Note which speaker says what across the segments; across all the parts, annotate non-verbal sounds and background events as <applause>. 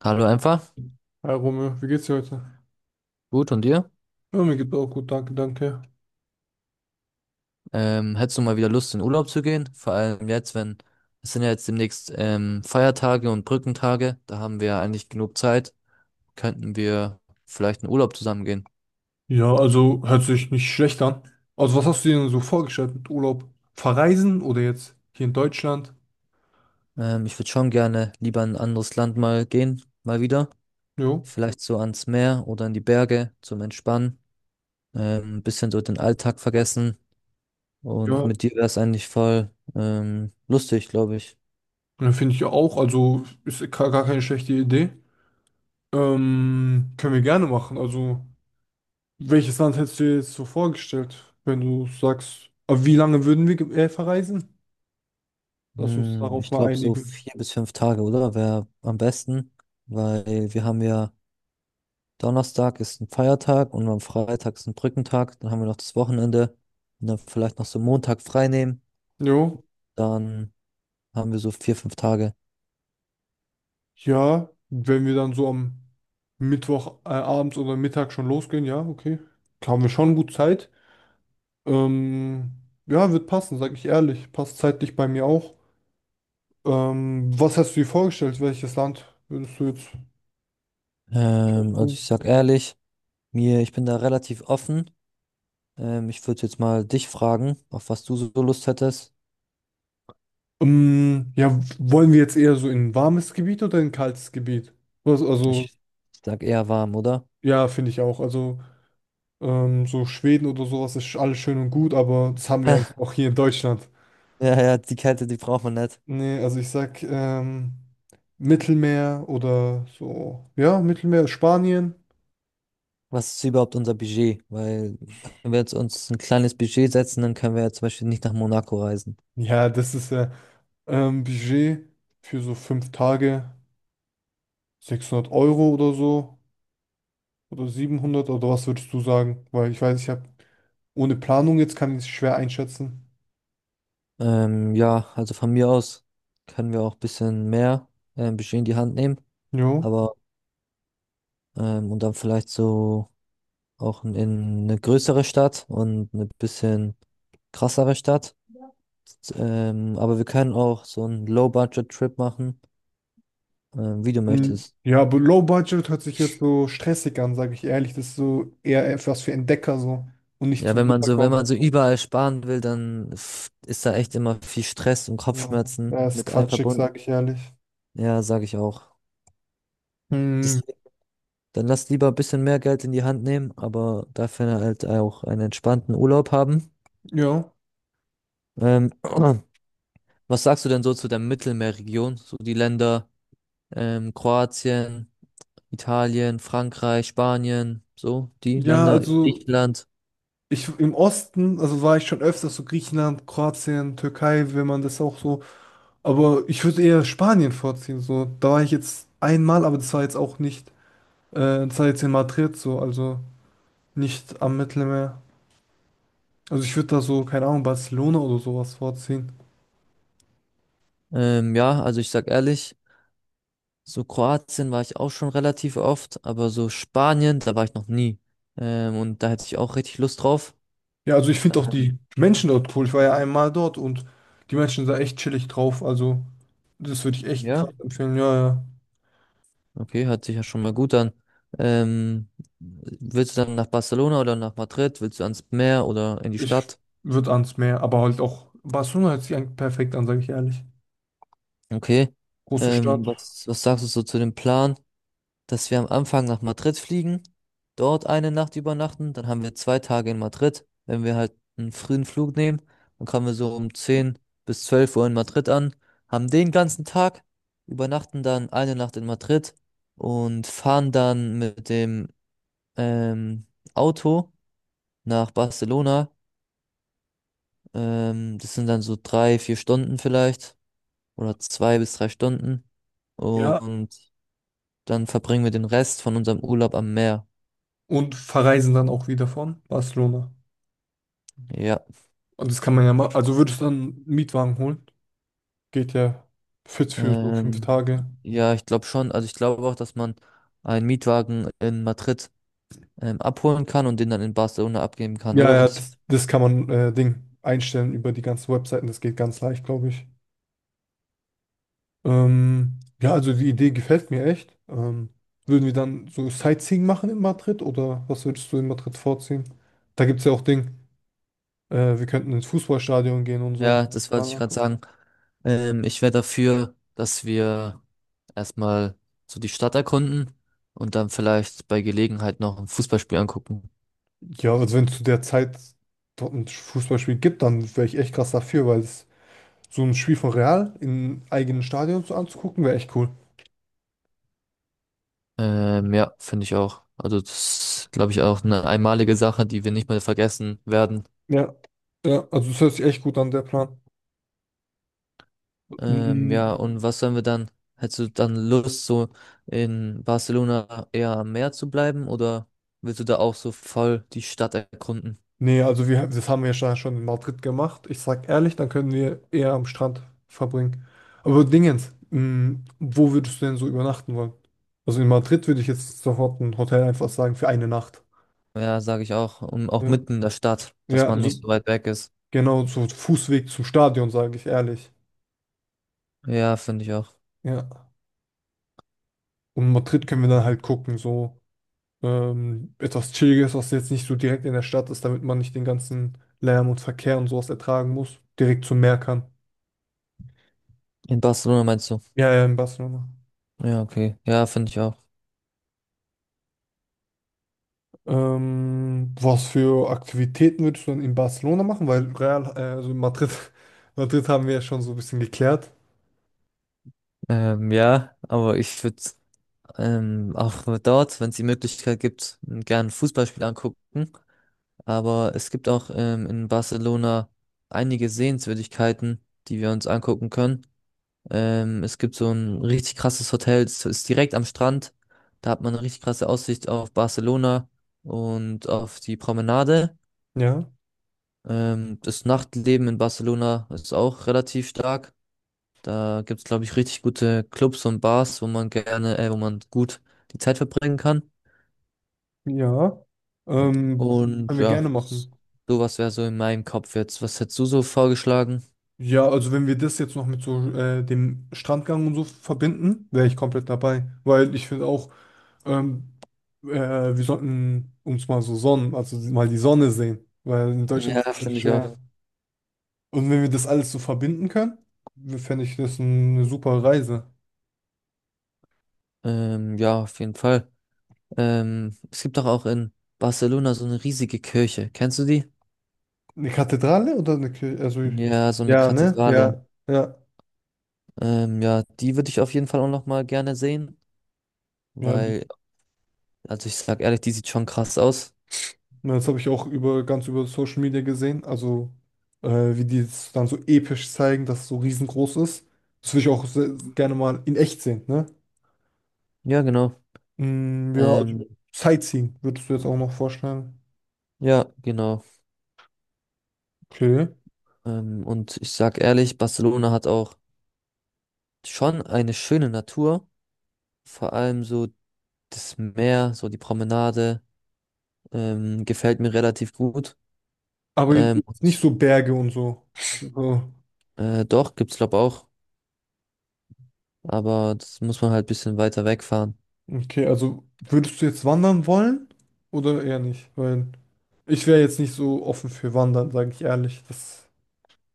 Speaker 1: Hallo einfach.
Speaker 2: Hi Romeo, wie geht's dir heute?
Speaker 1: Gut, und dir?
Speaker 2: Ja, mir geht's auch gut, danke, danke.
Speaker 1: Hättest du mal wieder Lust, in Urlaub zu gehen? Vor allem jetzt, wenn es sind ja jetzt demnächst Feiertage und Brückentage. Da haben wir ja eigentlich genug Zeit. Könnten wir vielleicht in Urlaub zusammen gehen?
Speaker 2: Ja, also hört sich nicht schlecht an. Also was hast du dir denn so vorgestellt mit Urlaub? Verreisen oder jetzt hier in Deutschland?
Speaker 1: Ich würde schon gerne lieber in ein anderes Land mal gehen, mal wieder.
Speaker 2: Jo.
Speaker 1: Vielleicht so ans Meer oder in die Berge zum Entspannen. Ein bisschen so den Alltag vergessen. Und
Speaker 2: Ja,
Speaker 1: mit dir wäre es eigentlich voll lustig, glaube ich.
Speaker 2: ja, finde ich ja auch. Also ist gar keine schlechte Idee. Können wir gerne machen. Also welches Land hättest du dir jetzt so vorgestellt, wenn du sagst, aber wie lange würden wir verreisen? Lass uns
Speaker 1: Hm,
Speaker 2: darauf
Speaker 1: ich
Speaker 2: mal
Speaker 1: glaube so
Speaker 2: einigen.
Speaker 1: vier bis fünf Tage, oder? Wäre am besten, weil wir haben ja Donnerstag ist ein Feiertag und am Freitag ist ein Brückentag, dann haben wir noch das Wochenende und dann vielleicht noch so Montag frei nehmen,
Speaker 2: Jo.
Speaker 1: dann haben wir so vier, fünf Tage.
Speaker 2: Ja, wenn wir dann so am Mittwoch abends oder Mittag schon losgehen, ja, okay. Haben wir schon gut Zeit. Ähm, ja, wird passen, sag ich ehrlich. Passt zeitlich bei mir auch. Was hast du dir vorgestellt? Welches Land würdest du jetzt?
Speaker 1: Also ich sag ehrlich, mir, ich bin da relativ offen. Ich würde jetzt mal dich fragen, auf was du so Lust hättest.
Speaker 2: Ja, wollen wir jetzt eher so in ein warmes Gebiet oder in ein kaltes Gebiet? Was, also,
Speaker 1: Ich sag eher warm, oder?
Speaker 2: ja, finde ich auch. Also, so Schweden oder sowas ist alles schön und gut, aber das haben wir eigentlich
Speaker 1: <laughs>
Speaker 2: auch hier in Deutschland.
Speaker 1: Ja, ja, die Kälte, die braucht man nicht.
Speaker 2: Nee, also ich sag Mittelmeer oder so. Ja, Mittelmeer, Spanien.
Speaker 1: Was ist überhaupt unser Budget? Weil, wenn wir jetzt uns ein kleines Budget setzen, dann können wir ja zum Beispiel nicht nach Monaco reisen.
Speaker 2: Ja, das ist ja Budget für so fünf Tage, 600 Euro oder so. Oder 700, oder was würdest du sagen? Weil ich weiß, ich habe ohne Planung jetzt, kann ich es schwer einschätzen.
Speaker 1: Ja, also von mir aus können wir auch ein bisschen mehr Budget in die Hand nehmen,
Speaker 2: Jo.
Speaker 1: aber und dann vielleicht so auch in eine größere Stadt und eine bisschen krassere Stadt. Aber wir können auch so einen Low-Budget-Trip machen, wie du
Speaker 2: Mhm.
Speaker 1: möchtest.
Speaker 2: Ja, aber Low Budget hört sich jetzt so stressig an, sage ich ehrlich. Das ist so eher etwas für Entdecker, so und nicht
Speaker 1: Ja,
Speaker 2: zum
Speaker 1: wenn man so, wenn man so
Speaker 2: Runterkommen.
Speaker 1: überall sparen will, dann ist da echt immer viel Stress und
Speaker 2: Ja,
Speaker 1: Kopfschmerzen
Speaker 2: ja, ist
Speaker 1: mit
Speaker 2: quatschig,
Speaker 1: einverbunden.
Speaker 2: sage ich ehrlich.
Speaker 1: Ja, sage ich auch.
Speaker 2: Hm,
Speaker 1: Deswegen, dann lass lieber ein bisschen mehr Geld in die Hand nehmen, aber dafür halt auch einen entspannten Urlaub haben.
Speaker 2: ja.
Speaker 1: Ähm, <clears throat> was sagst du denn so zu der Mittelmeerregion? So die Länder Kroatien, Italien, Frankreich, Spanien, so die
Speaker 2: Ja,
Speaker 1: Länder,
Speaker 2: also
Speaker 1: Griechenland.
Speaker 2: ich im Osten, also war ich schon öfters so Griechenland, Kroatien, Türkei, wenn man das auch so. Aber ich würde eher Spanien vorziehen. So, da war ich jetzt einmal, aber das war jetzt auch nicht, äh, das war jetzt in Madrid so, also nicht am Mittelmeer. Also ich würde da so, keine Ahnung, Barcelona oder sowas vorziehen.
Speaker 1: Ja, also ich sag ehrlich, so Kroatien war ich auch schon relativ oft, aber so Spanien, da war ich noch nie. Und da hätte ich auch richtig Lust drauf.
Speaker 2: Ja, also ich finde auch
Speaker 1: Ähm,
Speaker 2: die Menschen dort cool. Ich war ja einmal dort, und die Menschen sind da echt chillig drauf. Also das würde ich echt
Speaker 1: Ja.
Speaker 2: krass empfehlen. Ja, ja.
Speaker 1: Okay, hört sich ja schon mal gut an. Ähm, Willst du dann nach Barcelona oder nach Madrid? Willst du ans Meer oder in die
Speaker 2: Ich
Speaker 1: Stadt?
Speaker 2: würde ans Meer, aber halt auch Barcelona hört sich eigentlich perfekt an, sage ich ehrlich.
Speaker 1: Okay.
Speaker 2: Große
Speaker 1: Ähm,
Speaker 2: Stadt,
Speaker 1: was, was sagst du so zu dem Plan, dass wir am Anfang nach Madrid fliegen, dort eine Nacht übernachten, dann haben wir zwei Tage in Madrid. Wenn wir halt einen frühen Flug nehmen, dann kommen wir so um 10 bis 12 Uhr in Madrid an, haben den ganzen Tag, übernachten dann eine Nacht in Madrid und fahren dann mit dem ähm, Auto nach Barcelona. Das sind dann so drei, vier Stunden vielleicht oder zwei bis drei Stunden.
Speaker 2: ja.
Speaker 1: Und dann verbringen wir den Rest von unserem Urlaub am Meer.
Speaker 2: Und verreisen dann auch wieder von Barcelona.
Speaker 1: Ja,
Speaker 2: Und das kann man ja machen. Also würdest du dann einen Mietwagen holen? Geht ja fit für so fünf
Speaker 1: ähm,
Speaker 2: Tage.
Speaker 1: ja, ich glaube schon. Also ich glaube auch, dass man einen Mietwagen in Madrid abholen kann und den dann in Barcelona abgeben kann,
Speaker 2: Ja,
Speaker 1: oder?
Speaker 2: ja,
Speaker 1: Das,
Speaker 2: das, das kann man Ding einstellen über die ganzen Webseiten. Das geht ganz leicht, glaube ich. Ja, also die Idee gefällt mir echt. Würden wir dann so Sightseeing machen in Madrid, oder was würdest du in Madrid vorziehen? Da gibt es ja auch Ding. Wir könnten ins Fußballstadion gehen und so.
Speaker 1: ja, das wollte ich gerade sagen. Ich wäre dafür, dass wir erstmal so die Stadt erkunden und dann vielleicht bei Gelegenheit noch ein Fußballspiel angucken.
Speaker 2: Ja, also wenn es zu der Zeit dort ein Fußballspiel gibt, dann wäre ich echt krass dafür, weil es so ein Spiel von Real im eigenen Stadion so anzugucken, wäre echt cool.
Speaker 1: Ja, finde ich auch. Also das glaube ich auch eine einmalige Sache, die wir nicht mehr vergessen werden.
Speaker 2: Ja. Ja, also es hört sich echt gut an, der Plan. Mm,
Speaker 1: Ja, und was sollen wir dann? Hättest du dann Lust, so in Barcelona eher am Meer zu bleiben oder willst du da auch so voll die Stadt erkunden?
Speaker 2: nee, also wir, das haben wir ja schon in Madrid gemacht. Ich sag ehrlich, dann können wir eher am Strand verbringen. Aber Dingens, mm, wo würdest du denn so übernachten wollen? Also in Madrid würde ich jetzt sofort ein Hotel einfach sagen für eine Nacht.
Speaker 1: Ja, sage ich auch. Und auch
Speaker 2: Ja,
Speaker 1: mitten in der Stadt, dass
Speaker 2: ja,
Speaker 1: man nicht
Speaker 2: also
Speaker 1: so weit weg ist.
Speaker 2: genau so Fußweg zum Stadion, sage ich ehrlich.
Speaker 1: Ja, finde ich auch.
Speaker 2: Ja. Und Madrid können wir dann halt gucken, so etwas Chilliges, was jetzt nicht so direkt in der Stadt ist, damit man nicht den ganzen Lärm und Verkehr und sowas ertragen muss. Direkt zum Meer kann.
Speaker 1: In Barcelona meinst du?
Speaker 2: Ja, ja, in Barcelona.
Speaker 1: Ja, okay. Ja, finde ich auch.
Speaker 2: Was für Aktivitäten würdest du dann in Barcelona machen? Weil Real, also in Madrid, <laughs> Madrid haben wir ja schon so ein bisschen geklärt.
Speaker 1: Ja, aber ich würde auch dort, wenn es die Möglichkeit gibt, gern ein Fußballspiel angucken. Aber es gibt auch in Barcelona einige Sehenswürdigkeiten, die wir uns angucken können. Es gibt so ein richtig krasses Hotel, es ist direkt am Strand. Da hat man eine richtig krasse Aussicht auf Barcelona und auf die Promenade.
Speaker 2: Ja,
Speaker 1: Das Nachtleben in Barcelona ist auch relativ stark. Da gibt's glaube ich, richtig gute Clubs und Bars, wo man gerne, wo man gut die Zeit verbringen kann.
Speaker 2: ja. Ähm, Können
Speaker 1: Und
Speaker 2: wir
Speaker 1: ja,
Speaker 2: gerne machen.
Speaker 1: sowas wäre so in meinem Kopf jetzt. Was hättest du so vorgeschlagen?
Speaker 2: Ja, also wenn wir das jetzt noch mit so dem Strandgang und so verbinden, wäre ich komplett dabei. Weil ich finde auch, Ähm, äh, wir sollten uns mal so Sonnen, also mal die Sonne sehen, weil in Deutschland ist
Speaker 1: Ja,
Speaker 2: es
Speaker 1: finde ich auch.
Speaker 2: schwer. Und wenn wir das alles so verbinden können, fände ich das eine super Reise.
Speaker 1: Ja, auf jeden Fall. Es gibt doch auch in Barcelona so eine riesige Kirche. Kennst du die?
Speaker 2: Eine Kathedrale oder eine Kirche? Also,
Speaker 1: Ja, so eine
Speaker 2: ja, ne?
Speaker 1: Kathedrale.
Speaker 2: Ja, ja.
Speaker 1: Ja, die würde ich auf jeden Fall auch noch mal gerne sehen,
Speaker 2: Ja, die-
Speaker 1: weil, also ich sag ehrlich, die sieht schon krass aus.
Speaker 2: ja, das habe ich auch über, ganz über Social Media gesehen. Also, äh, wie die es dann so episch zeigen, dass es so riesengroß ist. Das würde ich auch sehr, gerne mal in echt sehen, ne?
Speaker 1: Ja, genau.
Speaker 2: Mm, ja, also
Speaker 1: Ähm,
Speaker 2: Sightseeing würdest du jetzt auch noch vorstellen.
Speaker 1: ja, genau.
Speaker 2: Okay.
Speaker 1: Und ich sag ehrlich, Barcelona hat auch schon eine schöne Natur. Vor allem so das Meer, so die Promenade, gefällt mir relativ gut.
Speaker 2: Aber
Speaker 1: Ähm,
Speaker 2: jetzt nicht
Speaker 1: und,
Speaker 2: so Berge und so. So.
Speaker 1: doch, gibt's glaube auch, aber das muss man halt ein bisschen weiter wegfahren.
Speaker 2: Okay, also würdest du jetzt wandern wollen oder eher nicht? Weil ich wäre jetzt nicht so offen für Wandern, sage ich ehrlich. Das,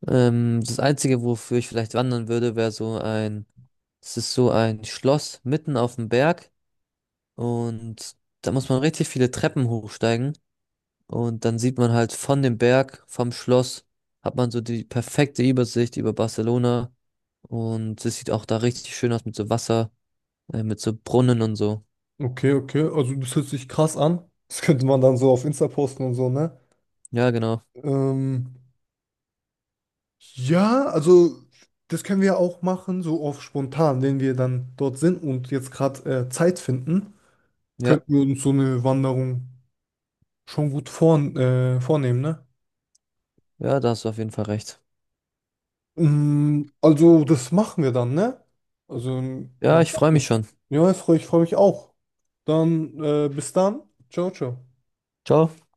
Speaker 1: Das Einzige, wofür ich vielleicht wandern würde, wäre so ein, es ist so ein Schloss mitten auf dem Berg und da muss man richtig viele Treppen hochsteigen und dann sieht man halt von dem Berg, vom Schloss, hat man so die perfekte Übersicht über Barcelona und es sieht auch da richtig schön aus mit so Wasser, mit so Brunnen und so.
Speaker 2: okay, okay, also das hört sich krass an. Das könnte man dann so auf Insta posten und so, ne?
Speaker 1: Ja, genau.
Speaker 2: Ähm, ja, also das können wir auch machen, so auf spontan, wenn wir dann dort sind und jetzt gerade Zeit finden,
Speaker 1: Ja,
Speaker 2: könnten wir uns so eine Wanderung schon gut vornehmen, ne?
Speaker 1: ja, da hast du auf jeden Fall recht.
Speaker 2: Mm, also, das machen wir dann, ne? Also,
Speaker 1: Ja,
Speaker 2: was,
Speaker 1: ich freue mich schon.
Speaker 2: ja, ich freu mich auch. Dann, bis dann. Ciao, ciao.
Speaker 1: Ciao.